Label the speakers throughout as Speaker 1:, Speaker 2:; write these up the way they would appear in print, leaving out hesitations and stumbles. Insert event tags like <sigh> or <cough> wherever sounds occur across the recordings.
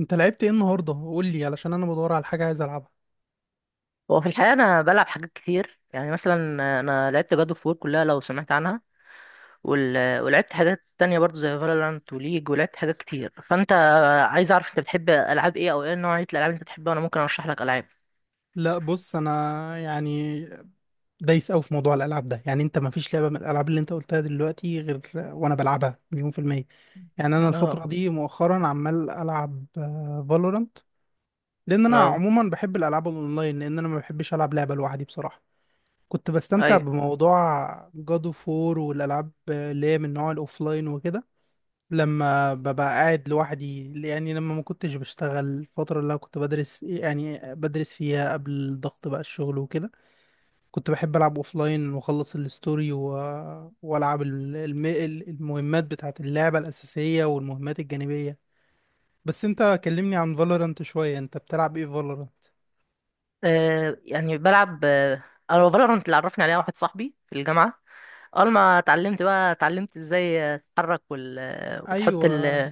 Speaker 1: انت لعبت ايه النهارده؟ قول لي علشان انا بدور على حاجه عايز العبها.
Speaker 2: هو في الحقيقة أنا بلعب حاجات كتير، يعني مثلا أنا لعبت جاد اوف وور كلها لو سمعت عنها. ولعبت حاجات تانية برضو زي فالورانت وليج، ولعبت حاجات كتير. فأنت عايز أعرف أنت بتحب ألعاب إيه أو إيه نوعية الألعاب اللي أنت بتحبها وأنا ممكن أرشح لك ألعاب.
Speaker 1: لا بص، انا يعني دايس قوي في موضوع الالعاب ده. يعني انت ما فيش لعبه من الالعاب اللي انت قلتها دلوقتي غير وانا بلعبها مليون في الميه. يعني انا
Speaker 2: اه
Speaker 1: الفتره دي مؤخرا عمال العب فالورانت، لان انا
Speaker 2: اه
Speaker 1: عموما بحب الالعاب الاونلاين، لان انا ما بحبش العب لعبه لوحدي بصراحه. كنت بستمتع
Speaker 2: أيوه.
Speaker 1: بموضوع جادو فور والالعاب اللي هي من نوع الاوفلاين وكده، لما ببقى قاعد لوحدي. يعني لما ما كنتش بشتغل، الفترة اللي أنا كنت بدرس، يعني بدرس فيها قبل ضغط بقى الشغل وكده، كنت بحب ألعب أوفلاين وأخلص الستوري وألعب المهمات بتاعة اللعبة الأساسية والمهمات الجانبية. بس أنت كلمني عن فالورانت شوية، أنت بتلعب إيه فالورانت؟
Speaker 2: يعني بلعب. أنا فالورانت اللي عرفني عليها واحد صاحبي في الجامعة. أول ما اتعلمت بقى اتعلمت إزاي تتحرك وتحط
Speaker 1: أيوة،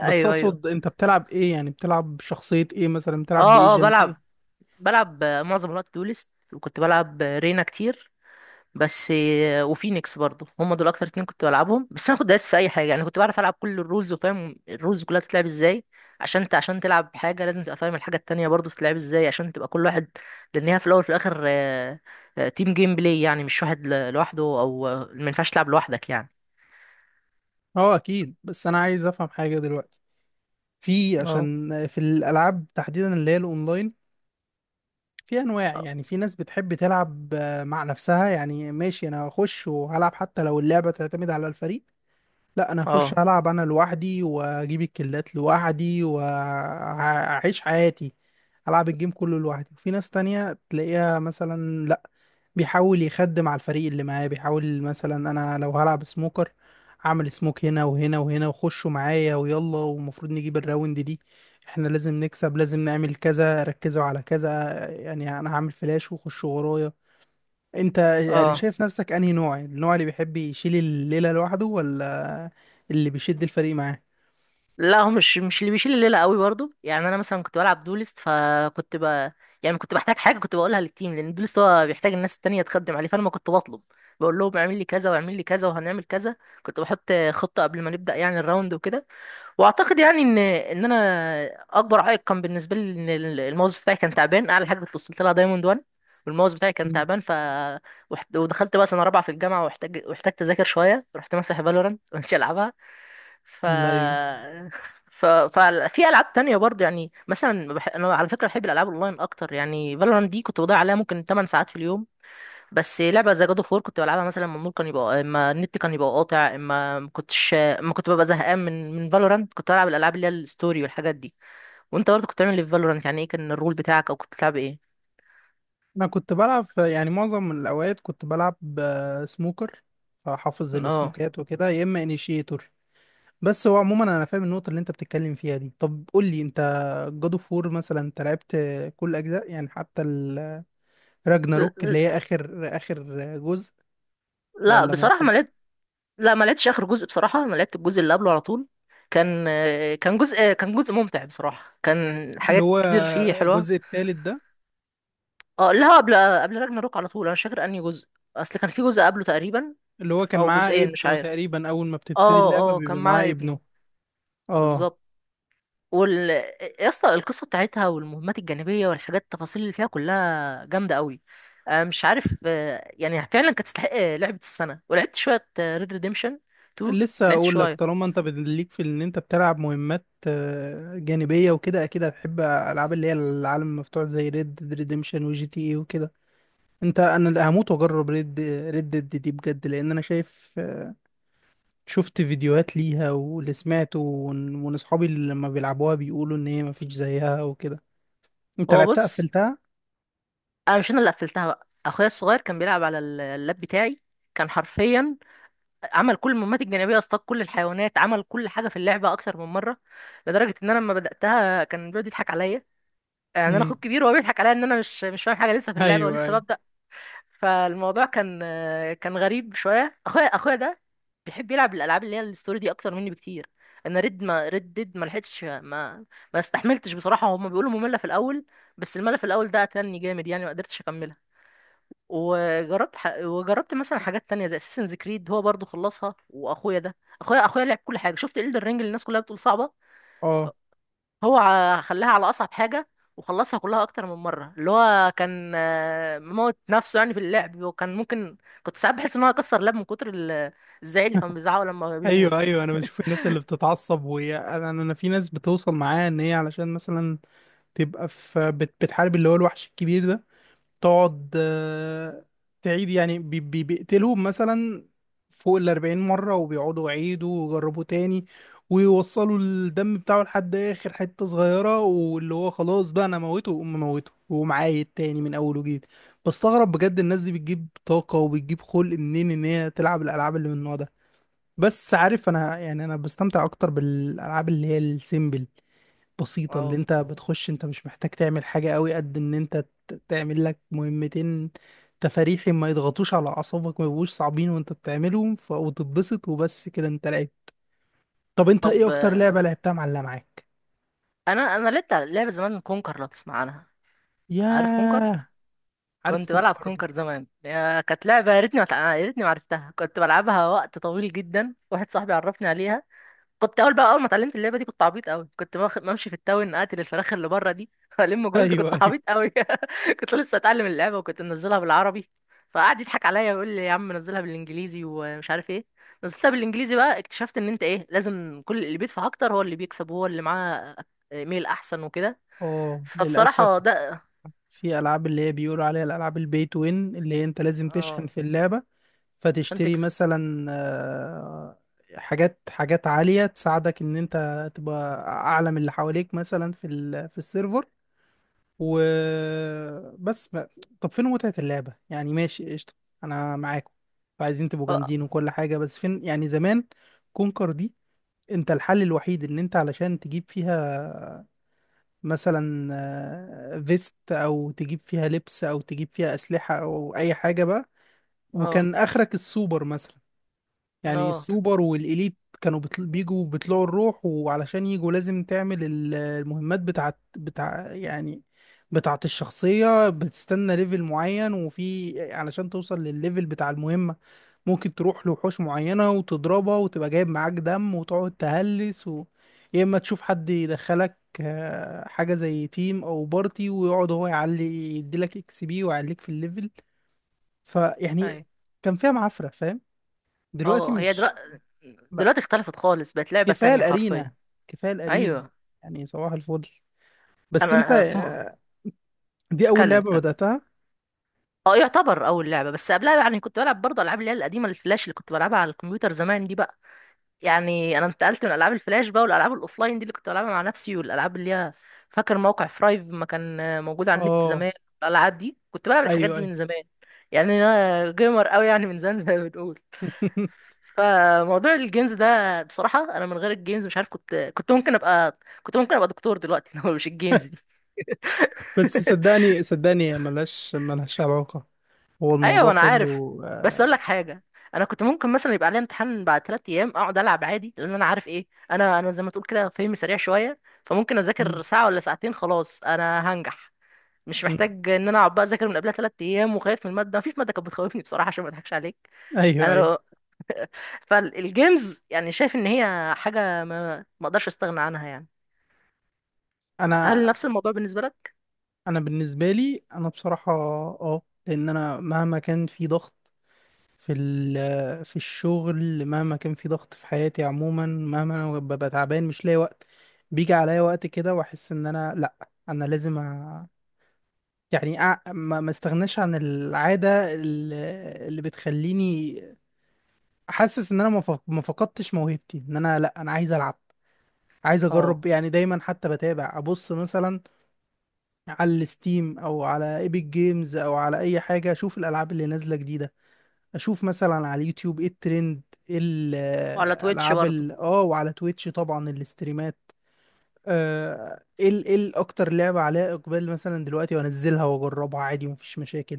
Speaker 1: بس
Speaker 2: أيوه.
Speaker 1: أقصد أنت بتلعب إيه؟ يعني بتلعب شخصية إيه، مثلا بتلعب
Speaker 2: اه اه
Speaker 1: بإيجنت
Speaker 2: بلعب
Speaker 1: إيه؟
Speaker 2: بلعب معظم الوقت دولست، وكنت بلعب رينا كتير بس، وفينيكس برضو. هم دول اكتر اتنين كنت بلعبهم، بس انا كنت دايس في اي حاجه. يعني كنت بعرف العب كل الرولز وفاهم الرولز كلها بتتلعب ازاي، عشان انت عشان تلعب حاجه لازم تبقى فاهم الحاجه التانية برضو بتتلعب ازاي عشان تبقى كل واحد. لان هي في الاول وفي الاخر تيم جيم بلاي. يعني مش واحد لوحده، او ما ينفعش تلعب لوحدك يعني.
Speaker 1: أه أكيد، بس أنا عايز أفهم حاجة دلوقتي. في،
Speaker 2: اه
Speaker 1: عشان في الالعاب تحديدا اللي هي الاونلاين، في انواع. يعني في ناس بتحب تلعب مع نفسها، يعني ماشي انا هخش وهلعب حتى لو اللعبه تعتمد على الفريق. لا، انا هخش
Speaker 2: اه
Speaker 1: هلعب انا لوحدي واجيب الكلات لوحدي واعيش حياتي. العب الجيم كله لوحدي. وفي ناس تانية تلاقيها مثلا لا، بيحاول يخدم على الفريق اللي معاه. بيحاول مثلا، انا لو هلعب سموكر، اعمل سموك هنا وهنا وهنا وخشوا معايا ويلا، ومفروض نجيب الراوند دي. احنا لازم نكسب، لازم نعمل كذا، ركزوا على كذا. يعني انا هعمل فلاش وخشوا ورايا. انت يعني
Speaker 2: اه.
Speaker 1: شايف نفسك انهي نوع؟ النوع اللي بيحب يشيل الليلة لوحده، ولا اللي بيشد الفريق معاه؟
Speaker 2: لا، هو مش اللي بيشيل الليله قوي برضو. يعني انا مثلا كنت بلعب دولست، فكنت ب يعني كنت بحتاج حاجه كنت بقولها للتيم، لان دولست هو بيحتاج الناس التانية تخدم عليه. فانا ما كنت بطلب، بقول لهم اعمل لي كذا واعمل لي كذا وهنعمل كذا، كنت بحط خطه قبل ما نبدا يعني الراوند وكده. واعتقد يعني ان انا اكبر عائق كان بالنسبه لي ان الماوس بتاعي كان تعبان. اعلى حاجه كنت وصلت لها دايموند 1، والماوس بتاعي كان
Speaker 1: مم.
Speaker 2: تعبان. ودخلت بقى سنه رابعه في الجامعه، واحتجت اذاكر شويه، رحت ماسح فالورانت <laughs> ومش العبها. ف
Speaker 1: ايوه.
Speaker 2: ف ففي <laughs> العاب تانية برضه، يعني مثلا انا على فكره بحب الالعاب اونلاين اكتر. يعني فالورانت دي كنت بضيع عليها ممكن 8 ساعات في اليوم، بس لعبه زي جاد اوف وور كنت بلعبها مثلا لما النور كان يبقى، اما النت كان يبقى قاطع، اما ما كنت ببقى زهقان من فالورانت، كنت بلعب الالعاب اللي هي الستوري والحاجات دي. وانت برضه كنت بتعمل ايه في فالورانت؟ يعني ايه كان الرول بتاعك، او كنت بتلعب ايه؟
Speaker 1: انا كنت بلعب يعني معظم الاوقات كنت بلعب سموكر، فحافظ
Speaker 2: اه.
Speaker 1: السموكات وكده، يا اما انيشيتور. بس هو عموما انا فاهم النقطه اللي انت بتتكلم فيها دي. طب قول لي انت، جاد اوف وور مثلا، انت لعبت كل اجزاء؟ يعني حتى
Speaker 2: ل-
Speaker 1: الراجناروك اللي
Speaker 2: ل-
Speaker 1: هي اخر اخر جزء،
Speaker 2: لا
Speaker 1: ولا ما
Speaker 2: بصراحه ما
Speaker 1: وصلت؟
Speaker 2: لعبتش. لا ما لعبتش اخر جزء بصراحه. انا لعبت الجزء اللي قبله على طول. كان كان جزء ممتع بصراحه، كان
Speaker 1: اللي
Speaker 2: حاجات
Speaker 1: هو
Speaker 2: كتير فيه حلوه.
Speaker 1: الجزء الثالث ده؟
Speaker 2: اه، لا، قبل، قبل راجناروك على طول. انا مش فاكر انهي جزء، اصل كان في جزء قبله تقريبا
Speaker 1: اللي هو كان
Speaker 2: او
Speaker 1: معاه
Speaker 2: جزئين مش
Speaker 1: ابنه
Speaker 2: عارف.
Speaker 1: تقريبا. اول ما بتبتدي اللعبه
Speaker 2: اه اه، كان
Speaker 1: بيبقى معاه
Speaker 2: معاه
Speaker 1: ابنه.
Speaker 2: ابنه
Speaker 1: اه.
Speaker 2: بالظبط. وال يا اسطى، القصه بتاعتها والمهمات الجانبيه والحاجات التفاصيل اللي فيها كلها جامده قوي. مش عارف، يعني فعلا كانت تستحق لعبه السنه. ولعبت شويه ريد ريديمشن 2،
Speaker 1: لسه
Speaker 2: لعبت
Speaker 1: اقول لك،
Speaker 2: شويه.
Speaker 1: طالما انت ليك في ان انت بتلعب مهمات جانبيه وكده، اكيد هتحب العاب اللي هي العالم المفتوح زي ريد ريديمشن وجي تي اي وكده. انت، انا اللي هموت واجرب ريد، ريد ديد دي بجد، لان انا شايف، شفت فيديوهات ليها، واللي سمعته وان اصحابي اللي لما بيلعبوها بيقولوا ان هي مفيش زيها وكده. انت
Speaker 2: هو
Speaker 1: لعبتها؟
Speaker 2: بص،
Speaker 1: قفلتها؟
Speaker 2: انا مش انا اللي قفلتها، بقى اخويا الصغير كان بيلعب على اللاب بتاعي. كان حرفيا عمل كل المهمات الجانبيه، اصطاد كل الحيوانات، عمل كل حاجه في اللعبه اكتر من مره. لدرجه ان انا لما بداتها كان بيقعد يضحك عليا. يعني انا
Speaker 1: امم
Speaker 2: اخوك كبير وهو بيضحك عليا ان انا مش فاهم حاجه لسه في اللعبه
Speaker 1: ايوه
Speaker 2: ولسه
Speaker 1: ايوه.
Speaker 2: ببدا. فالموضوع كان، كان غريب شويه. اخويا ده بيحب يلعب الالعاب اللي هي الستوري دي اكتر مني بكتير. انا ريد ما ريد ديد ما لحقتش، ما استحملتش بصراحه. هما بيقولوا ممله في الاول، بس الملل في الاول ده قتلني جامد، يعني ما قدرتش اكملها. وجربت مثلا حاجات تانية زي اساسنز كريد، هو برضو خلصها. واخويا ده، اخويا لعب كل حاجه. شفت الدر رينج اللي الناس كلها بتقول صعبه،
Speaker 1: اه،
Speaker 2: هو خلاها على اصعب حاجه وخلصها كلها اكتر من مره. اللي هو كان مموت نفسه يعني في اللعب، وكان ممكن، كنت ساعات بحس ان هو هيكسر لاب من كتر الزعيق اللي كان بيزعقه لما
Speaker 1: ايوه
Speaker 2: بيموت.
Speaker 1: ايوه. انا بشوف الناس اللي بتتعصب، وهي انا انا، أنا في ناس بتوصل معاها ان هي علشان مثلا تبقى في بتحارب اللي هو الوحش الكبير ده، تقعد تعيد. يعني بيقتلهم مثلا فوق 40 مرة، وبيقعدوا يعيدوا ويجربوا تاني، ويوصلوا الدم بتاعه لحد آخر حتة صغيرة، واللي هو خلاص بقى أنا موته وأقوم، موته وأقوم، عايد تاني من أول وجديد. بستغرب بجد الناس دي بتجيب طاقة وبتجيب خلق منين إن هي تلعب الألعاب اللي من النوع ده. بس عارف، أنا يعني أنا بستمتع أكتر بالألعاب اللي هي السيمبل، بسيطة، اللي
Speaker 2: اه.
Speaker 1: انت بتخش انت مش محتاج تعمل حاجة قوي، قد ان انت تعمل لك مهمتين تفاريحي، ما يضغطوش على اعصابك، ما يبقوش صعبين، وانت بتعملهم وتتبسط، وبس كده انت لعب. طب انت ايه
Speaker 2: طب
Speaker 1: اكتر
Speaker 2: آه،
Speaker 1: لعبة لعبتها معلقة معاك؟
Speaker 2: انا انا لعبت لعبه زمان كونكر، لو تسمع عنها. عارف كونكر؟
Speaker 1: ياه، عارف
Speaker 2: كنت بلعب
Speaker 1: كونكر
Speaker 2: كونكر
Speaker 1: <laughs>
Speaker 2: زمان. كانت لعبة، يا ريتني ما تع- يا ريتني ما عرفتها. كنت بلعبها وقت طويل جدا، واحد صاحبي عرفني عليها. كنت اول بقى اول ما اتعلمت اللعبة دي كنت عبيط قوي. كنت بمشي في التاون اقتل الفراخ اللي بره دي <laughs> والم جولد.
Speaker 1: ايوه
Speaker 2: كنت
Speaker 1: ايوه.
Speaker 2: عبيط قوي <laughs> كنت لسه اتعلم اللعبة وكنت منزلها بالعربي. فقعد يضحك عليا ويقول لي يا عم نزلها بالانجليزي ومش عارف ايه. نزلتها بالانجليزي بقى، اكتشفت ان انت ايه، لازم كل اللي بيدفع اكتر هو اللي بيكسب وهو اللي معاه ايميل احسن وكده.
Speaker 1: اه،
Speaker 2: فبصراحة
Speaker 1: للاسف
Speaker 2: ده،
Speaker 1: في العاب اللي هي بيقولوا عليها الالعاب البي تو وين، اللي هي انت لازم تشحن
Speaker 2: اه،
Speaker 1: في اللعبة،
Speaker 2: عشان
Speaker 1: فتشتري
Speaker 2: تكسب.
Speaker 1: مثلا حاجات، حاجات عالية تساعدك ان انت تبقى اعلى من اللي حواليك مثلا في السيرفر. وبس ما... طب فين متعة اللعبة؟ يعني ماشي، قشطة، انا معاكم، عايزين تبقوا
Speaker 2: اه
Speaker 1: جامدين وكل حاجة، بس فين؟ يعني زمان كونكر دي، انت الحل الوحيد ان انت علشان تجيب فيها مثلا فيست، او تجيب فيها لبس، او تجيب فيها اسلحة، او اي حاجة بقى،
Speaker 2: اه
Speaker 1: وكان اخرك السوبر مثلا. يعني
Speaker 2: اه
Speaker 1: السوبر والإليت كانوا بيجوا بيطلعوا الروح، وعلشان يجوا لازم تعمل المهمات بتاعت بتاع، يعني بتاعت الشخصية. بتستنى ليفل معين، وفي علشان توصل للليفل بتاع المهمة ممكن تروح لوحوش معينة وتضربها وتبقى جايب معاك دم وتقعد تهلس يا إما تشوف حد يدخلك حاجة زي تيم أو بارتي ويقعد هو يعلي، يديلك اكس بي ويعليك في الليفل. فيعني
Speaker 2: ايوه.
Speaker 1: كان فيها معفرة، فاهم؟ دلوقتي
Speaker 2: اه، هي
Speaker 1: مش،
Speaker 2: دلوقتي،
Speaker 1: لا،
Speaker 2: دلوقتي اختلفت خالص، بقت لعبة
Speaker 1: كفايه
Speaker 2: تانية حرفيا.
Speaker 1: الارينا، كفايه الارينا.
Speaker 2: ايوه.
Speaker 1: يعني صباح الفل. بس انت
Speaker 2: انا آه، في م...
Speaker 1: دي اول
Speaker 2: اتكلم
Speaker 1: لعبه
Speaker 2: اتكلم.
Speaker 1: بداتها؟
Speaker 2: اه يعتبر اول لعبة، بس قبلها يعني كنت بلعب برضه العاب اللي هي القديمة الفلاش اللي كنت بلعبها على الكمبيوتر زمان دي بقى. يعني انا انتقلت من العاب الفلاش بقى، والالعاب الاوفلاين دي اللي كنت بلعبها مع نفسي، والالعاب اللي هي، فاكر موقع فرايف ما كان موجود على النت
Speaker 1: اه
Speaker 2: زمان؟ الالعاب دي كنت بلعب الحاجات
Speaker 1: ايوه
Speaker 2: دي
Speaker 1: ايوه.
Speaker 2: من زمان. يعني انا جيمر قوي يعني من زمان زي ما بنقول.
Speaker 1: <laughs>
Speaker 2: فموضوع الجيمز ده بصراحة، أنا من غير الجيمز مش عارف، كنت ممكن أبقى، كنت ممكن أبقى دكتور دلوقتي <laughs> لو مش الجيمز دي.
Speaker 1: بس صدقني، صدقني ملهاش، ملهاش علاقه. هو
Speaker 2: أيوة
Speaker 1: الموضوع
Speaker 2: أنا عارف،
Speaker 1: كله
Speaker 2: بس أقول لك
Speaker 1: آه،
Speaker 2: حاجة. أنا كنت ممكن مثلا يبقى عليا امتحان بعد 3 أيام أقعد ألعب عادي، لأن أنا عارف إيه أنا زي ما تقول كده فهمي سريع شوية. فممكن
Speaker 1: مم،
Speaker 2: أذاكر ساعة ولا ساعتين خلاص أنا هنجح، مش
Speaker 1: مم.
Speaker 2: محتاج إن أنا أقعد بقى أذاكر من قبلها 3 أيام وخايف من المادة. مفيش مادة كانت بتخوفني بصراحة، عشان ما أضحكش عليك.
Speaker 1: ايوه
Speaker 2: أنا
Speaker 1: ايوه.
Speaker 2: لو فالجيمز يعني شايف إن هي حاجة ما أقدرش أستغنى عنها يعني. هل
Speaker 1: انا
Speaker 2: نفس الموضوع بالنسبة لك؟
Speaker 1: انا بالنسبه لي، انا بصراحه اه، لان انا مهما كان في ضغط في ال- آه، في الشغل، مهما كان في ضغط في حياتي عموما، مهما انا ببقى تعبان مش لاقي وقت، بيجي عليا وقت كده واحس ان انا لا، انا لازم أ... يعني أ... ما ما استغناش عن العادة اللي بتخليني حاسس ان انا ما فقدتش موهبتي. ان انا لا، انا عايز العب، عايز
Speaker 2: اه،
Speaker 1: اجرب. يعني دايما حتى بتابع، ابص مثلا على الستيم او على ايبك جيمز او على اي حاجة، اشوف الالعاب اللي نازلة جديدة، اشوف مثلا على اليوتيوب ايه الترند، ايه
Speaker 2: وعلى تويتش
Speaker 1: الالعاب
Speaker 2: برضه.
Speaker 1: ال- اه وعلى تويتش طبعا الاستريمات، ايه ايه اكتر لعبه عليها اقبال مثلا دلوقتي، وانزلها واجربها عادي مفيش مشاكل.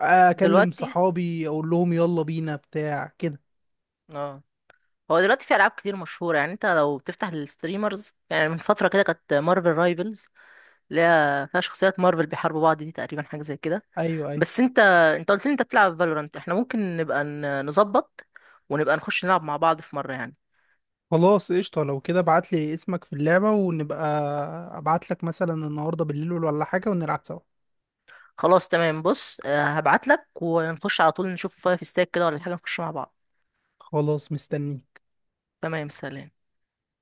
Speaker 1: اكلم
Speaker 2: دلوقتي،
Speaker 1: صحابي اقول لهم يلا بينا بتاع كده.
Speaker 2: اه، هو دلوقتي في ألعاب كتير مشهورة. يعني انت لو بتفتح الستريمرز، يعني من فترة كده كانت مارفل رايفلز، اللي هي فيها شخصيات مارفل بيحاربوا بعض، دي تقريبا حاجة زي كده.
Speaker 1: ايوه ايوه.
Speaker 2: بس انت قلت لي انت بتلعب فالورانت، احنا ممكن نبقى نظبط ونبقى نخش نلعب مع بعض في مرة يعني.
Speaker 1: خلاص قشطه، لو كده ابعت لي اسمك في اللعبه، ونبقى ابعت لك مثلا النهارده بالليل ولا حاجه ونلعب سوا.
Speaker 2: خلاص تمام، بص هبعت لك ونخش على طول، نشوف فايف ستاك كده ولا حاجة نخش مع بعض.
Speaker 1: خلاص، مستنيك.
Speaker 2: تمام، سلام.